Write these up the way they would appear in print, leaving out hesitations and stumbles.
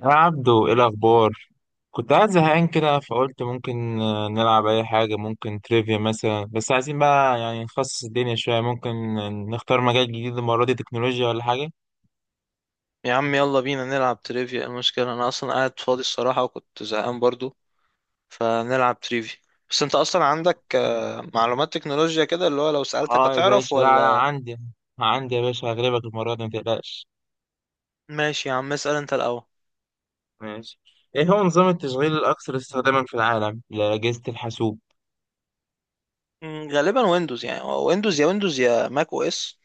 يا عبدو، ايه الاخبار؟ كنت قاعد زهقان كده فقلت ممكن نلعب اي حاجه. ممكن تريفيا مثلا، بس عايزين بقى يعني نخصص الدنيا شويه. ممكن نختار مجال جديد، المره دي تكنولوجيا ولا حاجه. يا عم، يلا بينا نلعب تريفيا. المشكلة أنا أصلا قاعد فاضي الصراحة وكنت زهقان برضو، فنلعب تريفيا. بس أنت أصلا عندك معلومات تكنولوجيا كده، اللي هو لو سألتك اه يا هتعرف باشا، لا لا، ولا؟ عندي يا باشا، هغلبك المره دي ما تقلقش. ماشي يا عم، اسأل أنت الأول. ماشي. ايه هو نظام التشغيل الاكثر استخداما في العالم لاجهزه الحاسوب؟ غالبا ويندوز، يعني هو ويندوز يا ويندوز يا ماك أو إس.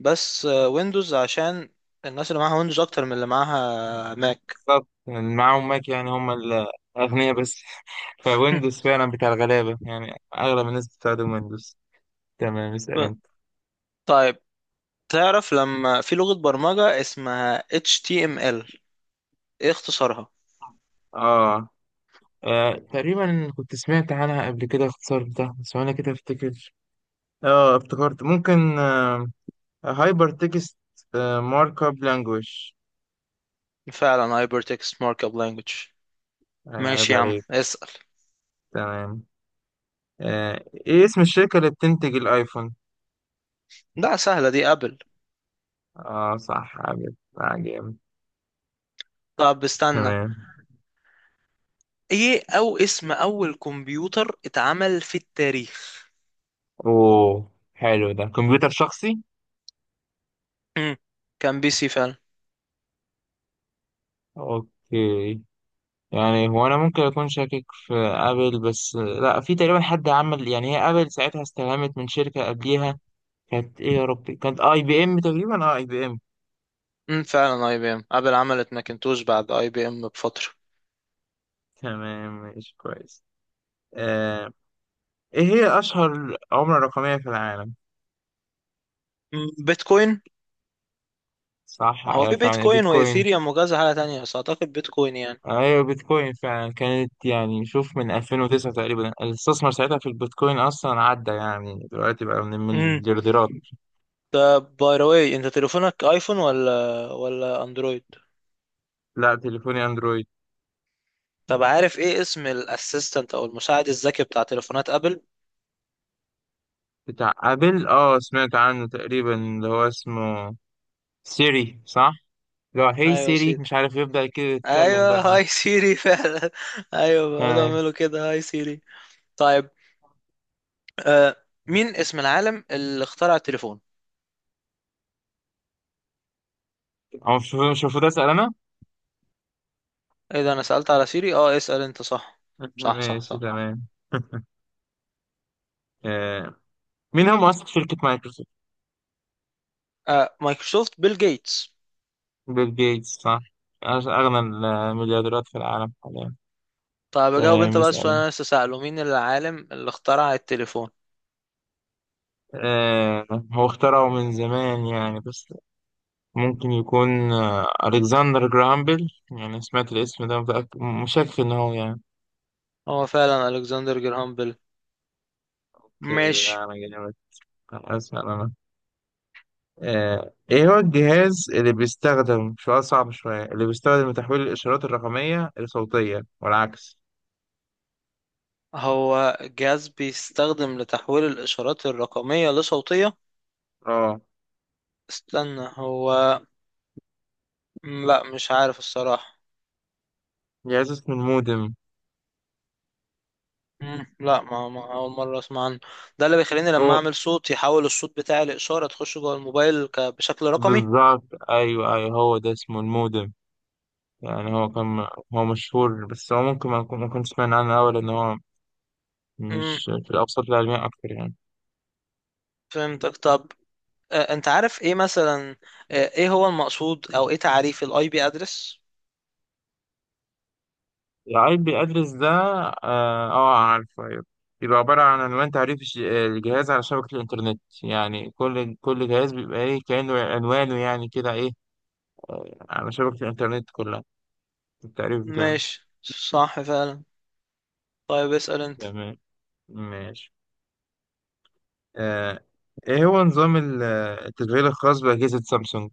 بس ويندوز عشان الناس اللي معاها ويندوز أكتر من اللي معاها ماك. بالظبط، يعني معاهم ماك، يعني هم الاغنياء بس فويندوز فعلا بتاع الغلابه، يعني اغلب الناس بتستخدم ويندوز. تمام، اسال ب- انت. طيب، تعرف لما في لغة برمجة اسمها HTML، إيه اختصارها؟ اه، آه تقريبا كنت سمعت عنها قبل كده، اختصار بتاعها بس انا كده افتكر. اه، افتكرت ممكن هايبر تكست مارك اب لانجويج. فعلا Hypertext Markup Language. عيب ماشي يا عم، عليك. اسأل. تمام. ايه اسم الشركة اللي بتنتج الايفون؟ ده سهلة دي، ابل. اه صح، عجب عجب. طب استنى. تمام. ايه او اسم اول كمبيوتر اتعمل في التاريخ؟ اوه حلو، ده كمبيوتر شخصي. مم. كان PC فعلا. اوكي. يعني هو انا ممكن اكون شاكك في ابل، بس لا في تقريبا حد عمل، يعني هي ابل ساعتها استلهمت من شركة قبليها. كانت ايه يا ربي؟ كانت اي بي ام تقريبا، اي بي ام. مم. فعلا IBM. ابل عملت ماكنتوش بعد IBM بفترة. تمام ماشي كويس. آه. ايه هي اشهر عملة رقمية في العالم؟ مم. بيتكوين. صح، هو في فعلا بيتكوين بيتكوين. وايثيريوم وكذا حاجة تانية، بس اعتقد بيتكوين يعني. ايوه بيتكوين فعلا كانت، يعني شوف من 2009 تقريبا الاستثمار ساعتها في البيتكوين، اصلا عدى يعني دلوقتي بقى من مم. المليارديرات. طب، باي ذا واي، انت تليفونك ايفون ولا اندرويد؟ لا تليفوني اندرويد. طب، عارف ايه اسم الاسيستنت او المساعد الذكي بتاع تليفونات ابل؟ بتاع ابل، اه سمعت عنه تقريبا، اللي هو اسمه سيري صح؟ اللي هو هي ايوه، سيري، سيدي. مش عارف يبدأ كده يتكلم ايوه، بقى. هاي سيري فعلا. ايوه، بيقعدوا آه. يعملوا كده، هاي سيري. طيب، آه مين اسم العالم اللي اخترع التليفون؟ هو مش المفروض اسأل انا؟ ايه ده، انا سألت على سيري. اه، اسأل انت. صح، صح، صح، ماشي صح. تمام. آه. مين هو مؤسس شركة مايكروسوفت؟ مايكروسوفت، بيل جيتس. بيل جيتس صح. أغنى المليارديرات في العالم حاليا. طيب، اجاوب انت تمام، بقى السؤال اللي اسأل. انا لسه سأله، مين العالم اللي اخترع التليفون؟ آه. هو اخترعه من زمان يعني، بس ممكن يكون ألكسندر جراهام بيل، يعني سمعت الاسم ده، متأكد مشكك إن هو يعني. هو فعلا الكسندر جراهام بيل. أوكي لا، ماشي. أنا جامد. أسأل أنا. إيه هو الجهاز اللي بيستخدم، سؤال صعب شوية، اللي بيستخدم لتحويل الإشارات الرقمية لصوتية والعكس؟ هو جهاز بيستخدم لتحويل الاشارات الرقمية لصوتية. اه، استنى هو. لا، مش عارف الصراحة. جهاز اسمه المودم. مم. لا، ما اول مره اسمع عنه. ده اللي بيخليني لما هو اعمل صوت يحول الصوت بتاعي لاشاره تخش جوه الموبايل بشكل رقمي. بالظبط. أيوه أيوه، هو ده اسمه المودم. يعني هو كان، هو مشهور بس هو ممكن ما أكون ما كنت سمعنا عنه أوي، لأن هو امم مش في الأوساط العلمية أكتر يعني. فهمتك. طب، انت عارف ايه مثلا؟ ايه هو المقصود او ايه تعريف الاي بي ادرس؟ العيب بيأدرس ده. عارفه أيوه. بيبقى عبارة عن عنوان تعريف الجهاز على شبكة الإنترنت، يعني كل جهاز بيبقى إيه، كأنه عنوانه يعني كده إيه، على شبكة الإنترنت كلها التعريف بتاعه. ماشي، صح فعلا. طيب، اسال انت. تمام، ماشي. آه إيه هو نظام التشغيل الخاص بأجهزة سامسونج؟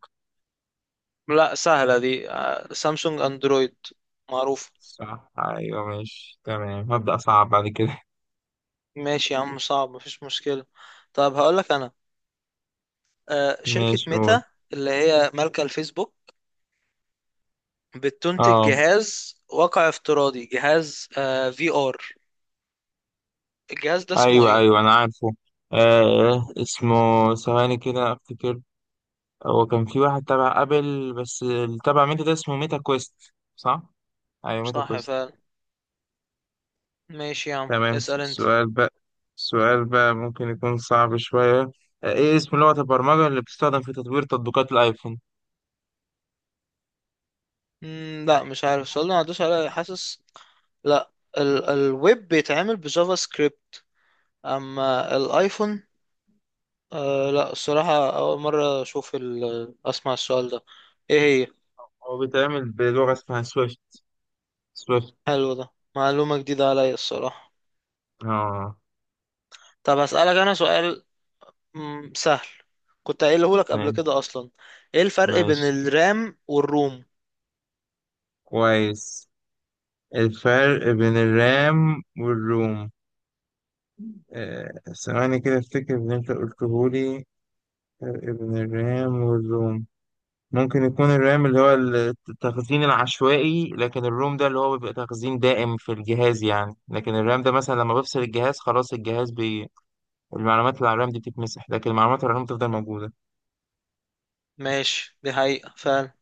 لا، سهله دي. سامسونج اندرويد. معروف. صح ايوه، ماشي تمام، هبدأ صعب بعد كده. ماشي يا عم، صعب مفيش مشكله. طب هقول لك انا. شركه ماشي قول. ميتا، اللي هي مالكه الفيسبوك، بتنتج اه جهاز واقع افتراضي، جهاز VR. الجهاز ده اسمه ايوه ايه؟ ايوه، انا عارفه. اسمه، ثواني كده افتكر، هو كان في واحد تبع ابل بس اللي تبع ميتا ده اسمه ميتا كويست صح؟ ايوه ميتا صح كويست. فعلا. ماشي يا عم، تمام، اسأل انت. سؤال بقى. سؤال بقى ممكن يكون صعب شوية. ايه اسم لغة البرمجة اللي بتستخدم في تطوير تطبيقات الايفون؟ لا، مش عارف. السؤال ده ما عدوش عليا، حاسس. لا. الويب بيتعمل بجافا سكريبت. اما الايفون. لا، الصراحة اول مرة اشوف ال اسمع السؤال ده. ايه هي؟ هو بيتعمل بلغة اسمها سويفت. سويفت. حلو ده، معلومة جديدة عليا الصراحة. اه طب هسألك انا سؤال. سهل، كنت قايله لك قبل ماشي. كده اصلا. ايه الفرق بين ماشي الرام والروم؟ كويس. الفرق بين الرام والروم. آه، ثواني كده افتكر اللي انت قلتهولي. فرق بين الرام والروم. ممكن يكون الرام اللي هو التخزين العشوائي، لكن الروم ده اللي هو بيبقى تخزين دائم في الجهاز يعني. لكن الرام ده مثلا لما بفصل الجهاز خلاص الجهاز المعلومات اللي على الرام دي بتتمسح، لكن المعلومات على الروم تفضل موجودة. ماشي. دي حقيقة فعلا.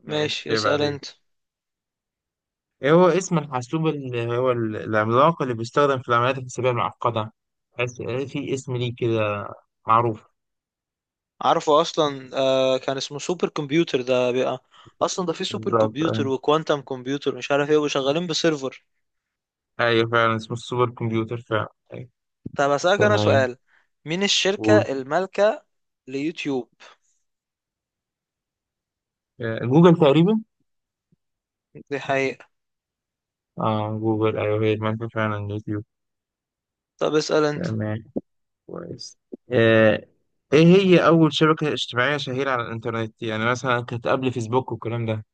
ماشي، ماشي، يبقى اسأل عليك. انت. ايه هو اسم الحاسوب اللي هو العملاق اللي بيستخدم في العمليات الحسابية المعقدة؟ حاسس في اسم ليه كده، معروف. عارفه اصلا. كان اسمه سوبر كمبيوتر ده بقى. اصلا ده في سوبر بالظبط أيوة. كمبيوتر وكوانتم كمبيوتر، مش عارف ايه، وشغالين بسيرفر. أيوة فعلا اسمه السوبر كمبيوتر فعلا أيوة. طب اسألك انا تمام. سؤال. مين الشركة قول. المالكة ليوتيوب؟ جوجل تقريبا. دي حقيقة. اه جوجل أيوة، هي المنفى فعلا يوتيوب. طب، اسأل انت. تمام كويس. آه، إيه هي أول شبكة اجتماعية شهيرة على الإنترنت، يعني مثلا كانت قبل فيسبوك والكلام ده؟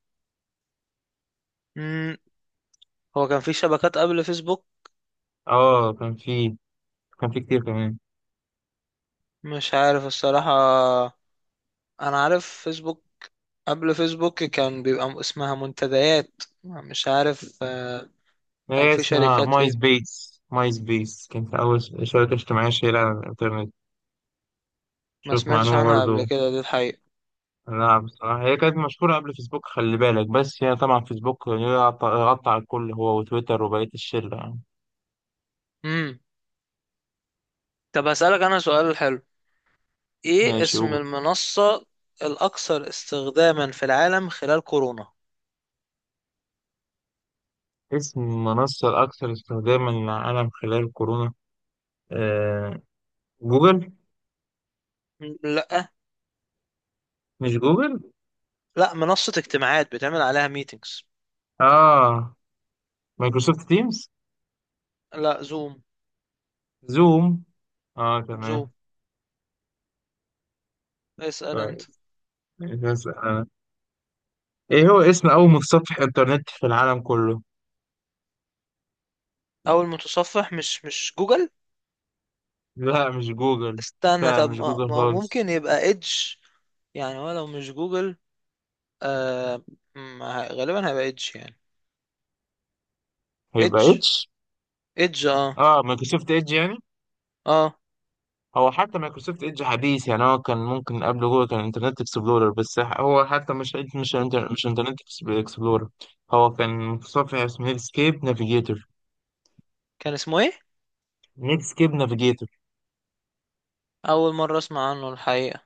مم. هو كان في شبكات قبل فيسبوك؟ اه كان في، كان في كتير كمان. مش عارف الصراحة. انا عارف فيسبوك. قبل فيسبوك كان بيبقى اسمها منتديات، مش عارف. كان هي في اسمها شركات ماي ايه سبيس. ماي سبيس كانت أول شبكة اجتماعية شهيرة على الإنترنت. ما شوف سمعتش معلومة عنها قبل برضو. كده، دي الحقيقة. لا بصراحة هي كانت مشهورة قبل فيسبوك خلي بالك، بس هي طبعا فيسبوك غطى غطى على الكل، هو وتويتر وبقية الشلة يعني. امم طب هسألك انا سؤال حلو. ايه ماشي اسم قول. المنصة الاكثر استخداما في العالم خلال كورونا؟ اسم المنصة الأكثر استخداما للعالم خلال كورونا. آه جوجل. لا. مش جوجل. لا، منصة اجتماعات بتعمل عليها ميتينجز. آه مايكروسوفت تيمز. لا، زوم. زوم. زوم، تمام اسأل انت. كويس. ماشي، هسأل أنا. إيه هو اسم أول متصفح إنترنت في العالم كله؟ اول متصفح؟ مش جوجل. لا مش جوجل. استنى، لا طب مش ما جوجل ما هو خالص. ممكن يبقى ايدج يعني؟ ولو مش جوجل، آه ما غالبا هيبقى ايدج يعني. ايدج. هيبقى إتش. ايدج، اه، مايكروسوفت إيدج يعني. اه. هو حتى مايكروسوفت ايدج حديث، يعني هو كان ممكن قبل جوجل كان انترنت اكسبلورر، بس هو حتى مش انترنت اكسبلورر. هو كان متصفح اسمه نيتسكيب نافيجيتور. كان اسمه ايه؟ نيتسكيب نافيجيتور. اول مره اسمع عنه الحقيقه.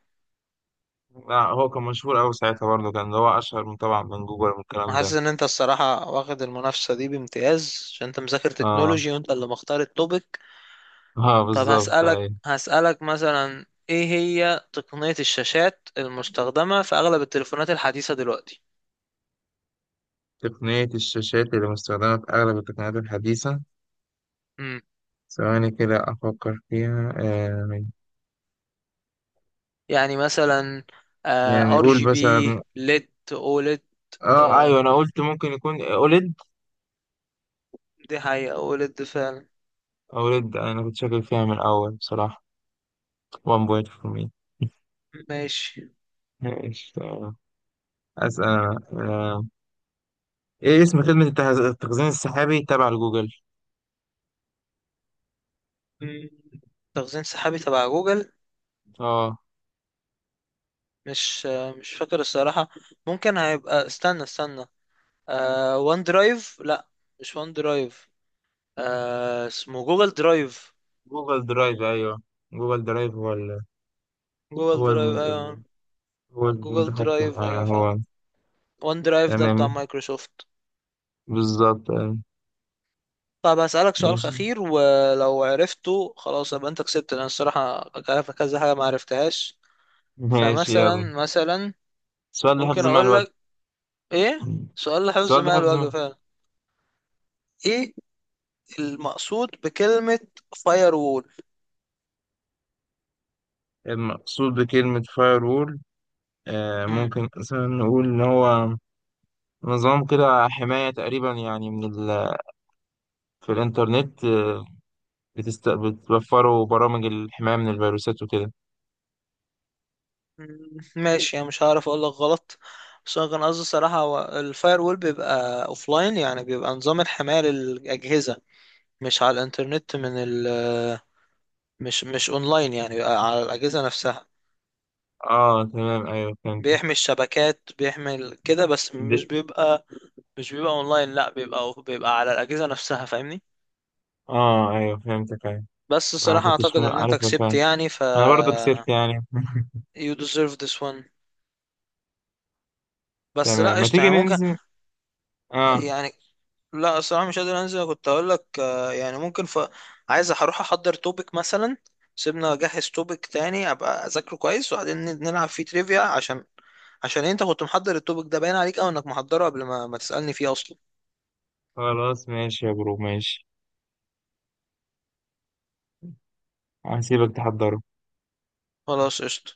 هو كان مشهور قوي ساعتها برضه، كان ده هو اشهر من طبعا من جوجل والكلام انا حاسس ده. ان انت الصراحه واخد المنافسه دي بامتياز، عشان انت مذاكر اه تكنولوجي وانت اللي مختار التوبيك. اه طب بالظبط هسالك ايوه. هسالك مثلا، ايه هي تقنيه الشاشات المستخدمه في اغلب التليفونات الحديثه دلوقتي؟ تقنية الشاشات اللي مستخدمة في أغلب التقنيات الحديثة. امم ثواني كده أفكر فيها. يعني مثلا، يعني ار قول جي بي مثلا. ليد، اوليد. اه آه، ايوه، انا قلت ممكن يكون اوليد. دي حقيقه، اوليد فعلا. أولد، أنا كنت شاكك فيها من الأول بصراحة. 1 point for me. ماشي. ماشي تمام. أسأل أنا إيه اسم خدمة التخزين السحابي تبع لجوجل؟ مم. تخزين سحابي تبع جوجل؟ آه مش فاكر الصراحة. ممكن هيبقى، استنى استنى. وان درايف؟ لا، مش وان درايف. اسمه جوجل درايف. جوجل درايف أيوه. جوجل درايف جوجل هو درايف، ايوه. الم... هو جوجل المتحكم درايف، آه ايوه، فاهم. هو وان درايف ده بتاع تمام. مايكروسوفت. بالظبط. طب هسألك سؤال ماشي. أخير، ولو عرفته خلاص يبقى أنت كسبت. لأن الصراحة عارف كذا حاجة ما عرفتهاش. ماشي يلا. فمثلا مثلا، السؤال ده ممكن حفظ مع أقول الوقت. لك إيه؟ سؤال لحفظ السؤال ده ماء حفظ الوجه مع. فعلا. إيه المقصود بكلمة فاير وول؟ المقصود بكلمة فاير وول. مم. ممكن مثلا نقول إن هو نظام كده حماية تقريبا، يعني من في الإنترنت. بتوفروا برامج الحماية من الفيروسات وكده. مم. ماشي، انا مش هعرف اقول لك غلط. بس انا كان قصدي الصراحة، هو الفاير وول بيبقى اوفلاين، يعني بيبقى نظام الحماية للأجهزة، مش على الانترنت. من ال مش اونلاين، يعني بيبقى على الأجهزة نفسها. اه تمام ايوه، فهمت. بيحمي الشبكات، بيحمي كده. بس دي... مش بيبقى اونلاين، لا بيبقى على الأجهزة نفسها. فاهمني؟ اه ايوه فهمتك ايوه. بس انا ما الصراحة كنتش اعتقد ان انت عارف، كسبت فاهم. يعني. انا برضه كسبت يعني you deserve this one. بس تمام، لا، ما قشطة تيجي يعني، ممكن ننزل. اه. يعني. لا الصراحة مش قادر انزل، كنت اقول لك يعني ممكن عايز اروح احضر توبيك مثلا. سيبنا اجهز توبيك تاني، ابقى اذاكره كويس، وبعدين نلعب فيه تريفيا، عشان انت كنت محضر التوبيك ده، باين عليك او انك محضره قبل ما تسألني فيه اصلا. خلاص ماشي يا برو، ماشي. هسيبك تحضر. خلاص، قشطة.